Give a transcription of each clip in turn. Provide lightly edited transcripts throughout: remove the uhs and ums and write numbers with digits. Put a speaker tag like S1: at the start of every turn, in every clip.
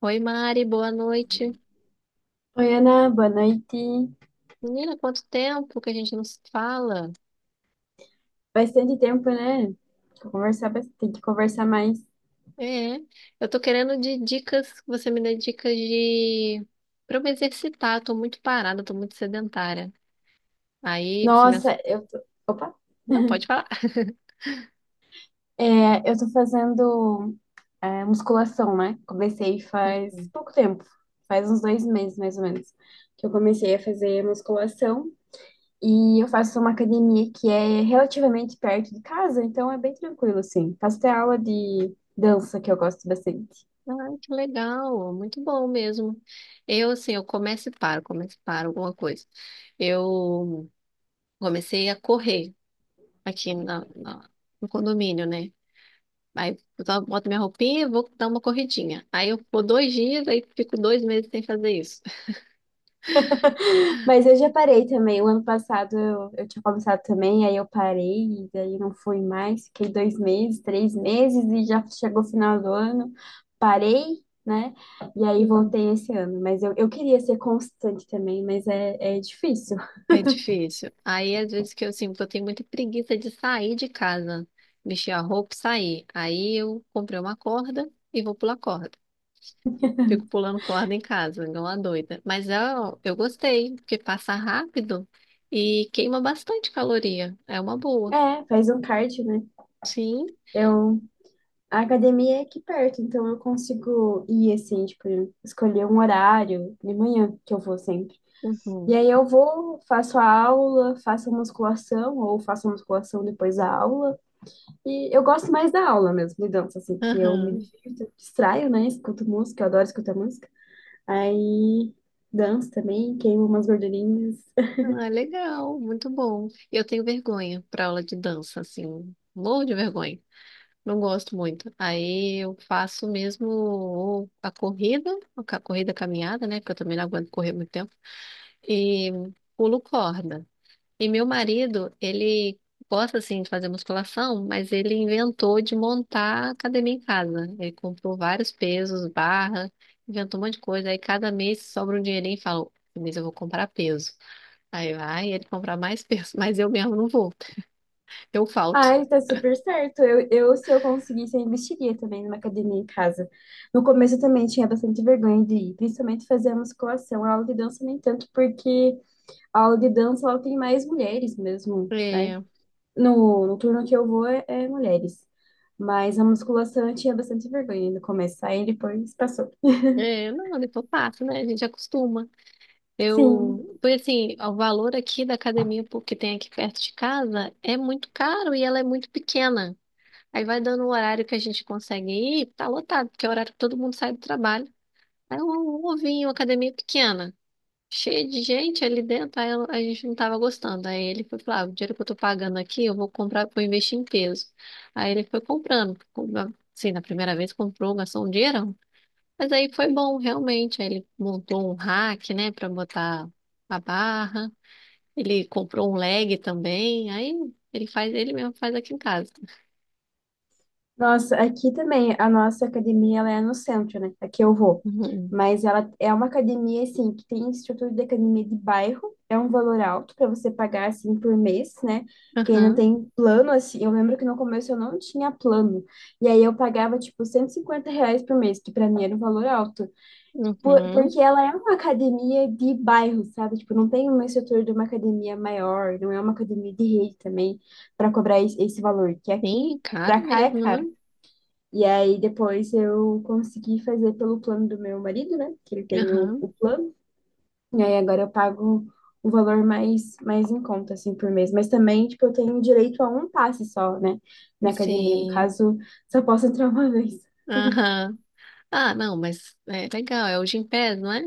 S1: Oi, Mari, boa noite.
S2: Oi, Ana, boa noite.
S1: Menina, quanto tempo que a gente não se fala?
S2: Bastante tempo, né? Tem que conversar mais.
S1: É, eu tô querendo de dicas, que você me dê dicas de para eu me exercitar, tô muito parada, tô muito sedentária. Aí, se me... ass-
S2: Nossa, eu tô... Opa!
S1: Não, pode falar.
S2: É, eu tô fazendo musculação, né? Comecei faz pouco tempo, faz uns 2 meses, mais ou menos, que eu comecei a fazer musculação. E eu faço uma academia que é relativamente perto de casa, então é bem tranquilo, assim. Faço até aula de dança, que eu gosto bastante.
S1: Ah, que legal, muito bom mesmo. Eu, assim, eu começo e paro alguma coisa. Eu comecei a correr aqui no condomínio, né? Aí eu só boto minha roupinha e vou dar uma corridinha. Aí eu vou 2 dias, aí fico 2 meses sem fazer isso.
S2: Mas eu já parei também. O ano passado eu tinha começado também, aí eu parei, e daí não fui mais. Fiquei 2 meses, 3 meses, e já chegou o final do ano. Parei, né? E aí
S1: Uhum.
S2: voltei esse ano. Mas eu queria ser constante também, mas é difícil.
S1: É difícil. Aí às vezes que eu sinto, eu tenho muita preguiça de sair de casa, mexer a roupa e sair. Aí eu comprei uma corda e vou pular corda. Fico pulando corda em casa, igual uma doida. Mas eu gostei, porque passa rápido e queima bastante caloria. É uma boa.
S2: É, faz um cardio, né?
S1: Sim.
S2: Eu, a academia é aqui perto, então eu consigo ir assim, tipo, escolher um horário de manhã que eu vou sempre. E
S1: Uhum.
S2: aí eu vou, faço a aula, faço a musculação, ou faço a musculação depois da aula. E eu gosto mais da aula mesmo, de dança, assim, que eu me
S1: Aham.
S2: divirto, eu distraio, né? Escuto música, eu adoro escutar música. Aí danço também, queimo umas gordurinhas.
S1: Ah, legal, muito bom. Eu tenho vergonha para aula de dança, assim, morro de vergonha. Não gosto muito. Aí eu faço mesmo ou a corrida, a ca- corrida caminhada, né? Porque eu também não aguento correr muito tempo. E pulo corda. E meu marido, ele gosta, assim, de fazer musculação, mas ele inventou de montar academia em casa. Ele comprou vários pesos, barra, inventou um monte de coisa. Aí cada mês sobra um dinheirinho e fala, "Esse mês eu vou comprar peso. Aí vai ele comprar mais peso, mas eu mesmo não vou, eu falto.
S2: Ai, tá super certo. Eu, se eu conseguisse, eu investiria também numa academia em casa. No começo eu também tinha bastante vergonha de ir, principalmente fazer a musculação. A aula de dança nem tanto, porque a aula de dança ela tem mais mulheres mesmo, né?
S1: É,
S2: No turno que eu vou é mulheres. Mas a musculação eu tinha bastante vergonha no começo, aí depois passou.
S1: é, não, depois passa, né? A gente acostuma.
S2: Sim.
S1: Eu, porque assim, o valor aqui da academia pú- que tem aqui perto de casa é muito caro e ela é muito pequena. Aí vai dando o horário que a gente consegue ir, tá lotado, porque é o horário que todo mundo sai do trabalho. Aí um ovinho, academia pequena. Cheio de gente ali dentro, aí ela- a gente não tava gostando. Aí ele foi falar, ah, o dinheiro que eu tô pagando aqui, eu vou comprar, vou investir em peso. Aí ele foi comprando, compra- assim, na primeira vez comprou, gastou um dinheirão. Mas aí foi bom, realmente. Aí ele montou um rack, né, pra botar a barra. Ele comprou um leg também. Aí ele faz, ele mesmo faz aqui em casa.
S2: Nossa, aqui também, a nossa academia, ela é no centro, né? Aqui eu vou.
S1: Uhum.
S2: Mas ela é uma academia, assim, que tem estrutura de academia de bairro. É um valor alto para você pagar, assim, por mês, né? Quem não
S1: Aham.
S2: tem plano, assim... Eu lembro que no começo eu não tinha plano. E aí eu pagava, tipo, R$ 150 por mês, que para mim era um valor alto.
S1: Uhum.
S2: Porque ela é uma academia de bairro, sabe? Tipo, não tem uma estrutura de uma academia maior, não é uma academia de rede também para cobrar esse valor, que aqui
S1: Sim, caro
S2: para cá é
S1: mesmo, né?
S2: caro. E aí depois eu consegui fazer pelo plano do meu marido, né? Que ele tem o,
S1: Aham.
S2: o plano. E aí agora eu pago o valor mais em conta assim por mês, mas também tipo eu tenho direito a um passe só, né, na academia. No
S1: Sim.
S2: caso, só posso entrar uma vez.
S1: Aham. Ah, não, mas é legal, é o Gympass, não é?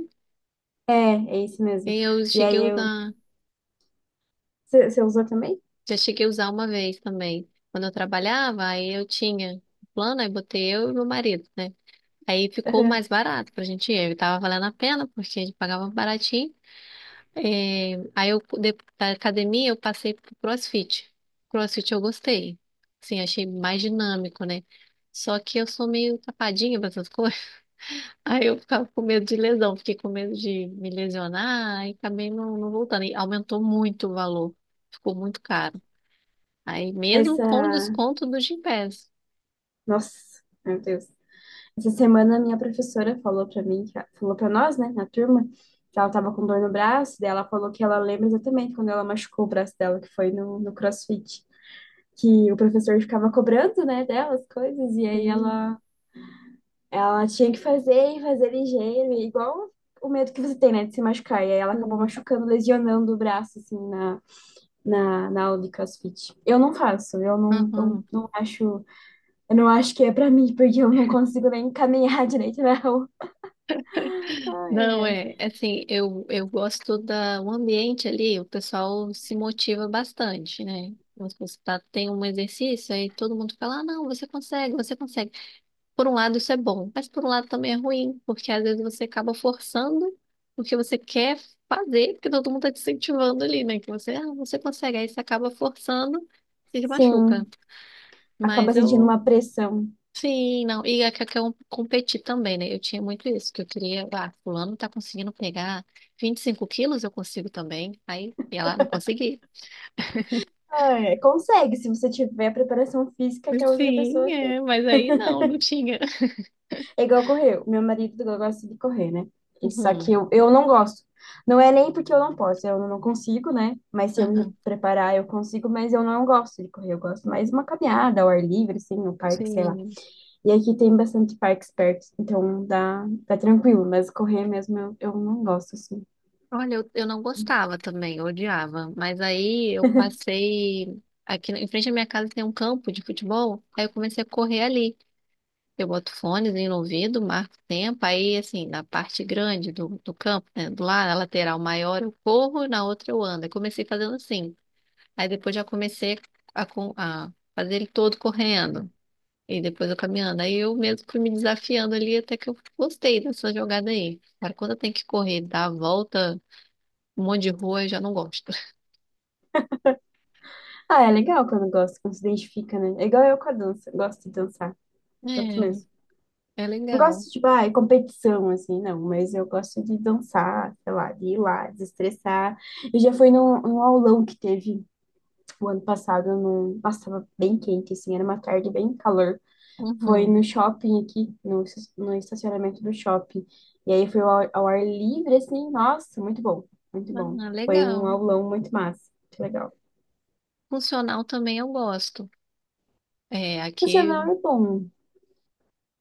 S2: É, é isso mesmo.
S1: E eu
S2: E aí
S1: cheguei a
S2: eu
S1: usar,
S2: você você usou também?
S1: já cheguei a usar uma vez também. Quando eu trabalhava, aí eu tinha o plano, aí botei eu e meu marido, né? Aí ficou mais barato pra gente ir, aí tava valendo a pena, porque a gente pagava baratinho. É, aí eu, de- da academia, eu passei pro CrossFit. CrossFit eu gostei, assim, achei mais dinâmico, né? Só que eu sou meio tapadinha pra essas coisas. Aí eu ficava com medo de lesão, fiquei com medo de me lesionar e acabei não, não voltando. E aumentou muito o valor, ficou muito caro. Aí mesmo com o
S2: Essa,
S1: desconto do Gympass.
S2: nossa, meu Deus. Essa semana a minha professora falou pra mim, falou pra nós, né, na turma, que ela tava com dor no braço, daí ela falou que ela lembra exatamente quando ela machucou o braço dela, que foi no CrossFit, que o professor ficava cobrando, né, dela as coisas, e aí
S1: Sim,
S2: ela tinha que fazer e fazer ligeiro, e igual o medo que você tem, né, de se machucar, e aí ela acabou
S1: sim.
S2: machucando, lesionando o braço, assim, na aula de CrossFit. Eu não faço, eu não, não,
S1: Aham.
S2: não acho. Eu não acho que é pra mim, porque eu não consigo nem caminhar direito na rua. Ai,
S1: Não,
S2: ai.
S1: é, é assim, eu gosto da, o ambiente ali, o pessoal se motiva bastante, né? Você tá, tem um exercício, aí todo mundo fala, ah, não, você consegue, você consegue. Por um lado, isso é bom, mas por um lado também é ruim, porque às vezes você acaba forçando o que você quer fazer, porque todo mundo está te incentivando ali, né? Que você, ah, você consegue, aí você acaba forçando e se machuca.
S2: Sim, acaba
S1: Mas
S2: sentindo
S1: eu,
S2: uma pressão.
S1: sim, não. E é que eu quero competir também, né? Eu tinha muito isso, que eu queria, ah, fulano tá conseguindo pegar 25 quilos, eu consigo também. Aí ia lá, não consegui.
S2: Ai, ai. Consegue, se você tiver a preparação física que a outra
S1: Sim,
S2: pessoa tem.
S1: é, mas aí não, não tinha.
S2: É igual correr. O meu marido gosta de correr, né? E só que
S1: Uhum,
S2: eu não gosto. Não é nem porque eu não posso, eu não consigo, né? Mas se eu me
S1: aham,
S2: preparar, eu consigo, mas eu não gosto de correr. Eu gosto mais de uma caminhada ao ar livre, assim, no parque, sei lá.
S1: sim.
S2: E aqui tem bastante parques perto, então dá tranquilo, mas correr mesmo eu não gosto, assim.
S1: Olha, eu não gostava também, eu odiava. Mas aí eu passei. Aqui em frente à minha casa tem um campo de futebol, aí eu comecei a correr ali. Eu boto fones no ouvido, marco o tempo, aí assim, na parte grande do campo, né, do lado, na lateral maior eu corro, na outra eu ando. Eu comecei fazendo assim. Aí depois já comecei a, com- a fazer ele todo correndo. E depois eu caminhando. Aí eu mesmo fui me desafiando ali até que eu gostei dessa jogada aí. Agora, quando eu tenho que correr, dar a volta. Um monte de rua eu já não gosto.
S2: Ah, é legal quando gosta, quando se identifica, né? É igual eu com a dança, gosto de dançar, gosto
S1: É,
S2: mesmo.
S1: é
S2: Não
S1: legal.
S2: gosto, tipo, ah, é competição, assim, não, mas eu gosto de dançar, sei lá, de ir lá, desestressar. Eu já fui num aulão que teve o ano passado, num... nossa, tava bem quente, assim, era uma tarde bem calor. Foi
S1: Uhum.
S2: no shopping aqui, no estacionamento do shopping. E aí foi ao ar livre, assim, nossa, muito bom, muito bom.
S1: Ah,
S2: Foi um
S1: legal.
S2: aulão muito massa, muito legal.
S1: Funcional também eu gosto. É, aqui,
S2: Funcional é bom,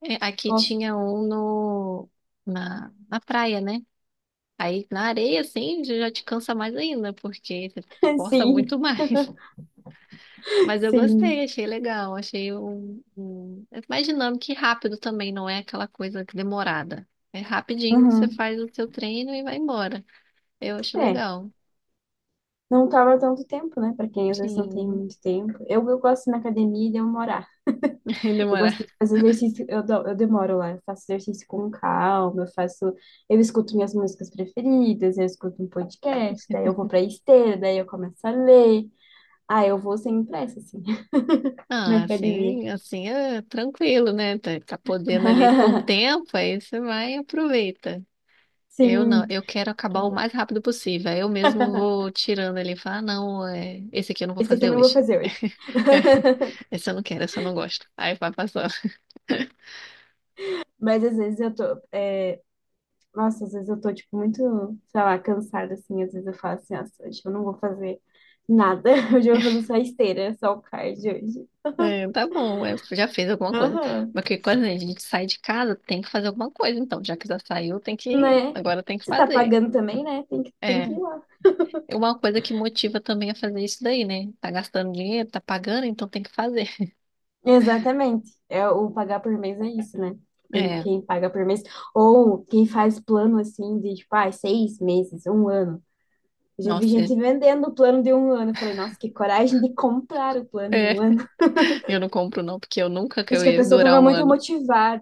S1: é, aqui
S2: gosto.
S1: tinha um no, na, na praia, né? Aí na areia, assim, já te cansa mais ainda, porque você força
S2: Sim,
S1: muito mais. Mas eu gostei,
S2: sim.
S1: achei legal, achei um, um- é mais dinâmico e rápido também, não é aquela coisa que demorada. É rapidinho, você
S2: Uhum.
S1: faz o seu treino e vai embora. Eu acho
S2: É,
S1: legal.
S2: não tava tanto tempo, né? Pra quem às vezes não tem
S1: Sim,
S2: muito tempo. Eu gosto na academia e deu uma Eu
S1: demorar
S2: gosto de fazer exercício, eu demoro lá, eu faço exercício com calma, eu faço, eu escuto minhas músicas preferidas, eu escuto um podcast, daí eu vou pra esteira, daí eu começo a ler. Ah, eu vou sem pressa, assim, na
S1: Ah,
S2: academia.
S1: assim é tranquilo, né? Tá, tá podendo ali com o tempo, aí você vai e aproveita. Eu não,
S2: Sim.
S1: eu quero acabar o mais rápido possível. Aí eu mesmo vou tirando ali e falar, ah, não, é, esse aqui eu não vou
S2: Esse aqui eu
S1: fazer
S2: não vou
S1: hoje.
S2: fazer hoje.
S1: É, esse eu não quero, esse eu não gosto. Aí vai passando.
S2: Mas às vezes eu tô, é, nossa, às vezes eu tô, tipo, muito, sei lá, cansada, assim, às vezes eu falo assim, nossa, hoje eu não vou fazer nada, hoje eu vou fazer só esteira, só o cardio hoje.
S1: É, tá bom, é, já fez alguma coisa.
S2: Aham.
S1: Porque quando a gente sai de casa, tem que fazer alguma coisa. Então, já que já saiu, tem que,
S2: Né?
S1: agora tem que
S2: Você tá
S1: fazer.
S2: pagando também, né? tem que,
S1: É.
S2: ir lá.
S1: É uma coisa que motiva também a fazer isso daí, né? Tá gastando dinheiro, tá pagando, então tem que fazer.
S2: Exatamente. É, o pagar por mês é isso, né? Quem,
S1: É,
S2: quem paga por mês. Ou quem faz plano assim de tipo, ah, 6 meses, um ano. Eu já vi
S1: nossa, é.
S2: gente vendendo o plano de um ano. Eu falei, nossa, que coragem de comprar o plano de
S1: É,
S2: um ano.
S1: eu não compro não, porque eu nunca que
S2: Acho
S1: eu
S2: que a
S1: ia
S2: pessoa
S1: durar
S2: tava
S1: um
S2: muito
S1: ano.
S2: motivada.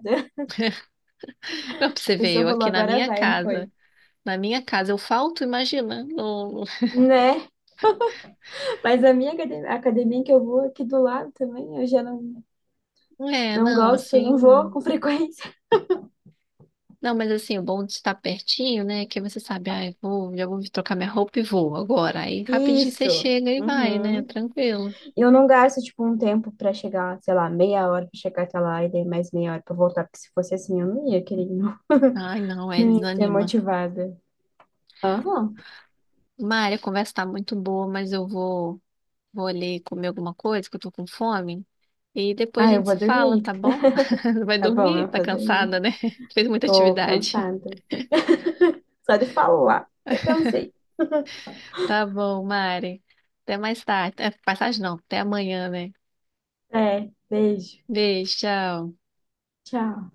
S1: Não, pra
S2: A
S1: você ver,
S2: pessoa
S1: eu
S2: falou,
S1: aqui
S2: agora vai, não foi?
S1: na minha casa eu falto, imagina. Não,
S2: Né? Mas a minha acade- a academia que eu vou aqui do lado também, eu já não,
S1: não- é,
S2: não
S1: não,
S2: gosto, não vou
S1: assim...
S2: com frequência.
S1: Não, mas assim, o bom de estar pertinho, né? Que você sabe, ah, eu vou, já vou trocar minha roupa e vou agora. Aí rapidinho você
S2: Isso.
S1: chega e vai, né?
S2: Uhum.
S1: Tranquilo.
S2: Eu não gasto, tipo, um tempo pra chegar, sei lá, meia hora pra chegar até lá e daí mais meia hora pra voltar, porque se fosse assim eu não ia, querido.
S1: Ai, não, é,
S2: Não ia ser
S1: desanima.
S2: motivada. Aham.
S1: Mária, a conversa tá muito boa, mas eu vou... Vou ali comer alguma coisa, que eu tô com fome. E depois a
S2: Ah, eu
S1: gente se
S2: vou
S1: fala,
S2: dormir.
S1: tá bom? Vai
S2: Tá bom,
S1: dormir?
S2: eu
S1: Tá
S2: vou dormir.
S1: cansada, né? Fez muita
S2: Tô
S1: atividade.
S2: cansada. Só de falar. Já cansei.
S1: Tá bom, Mari. Até mais tarde. É, passagem não, até amanhã, né?
S2: É, beijo.
S1: Beijo, tchau.
S2: Tchau.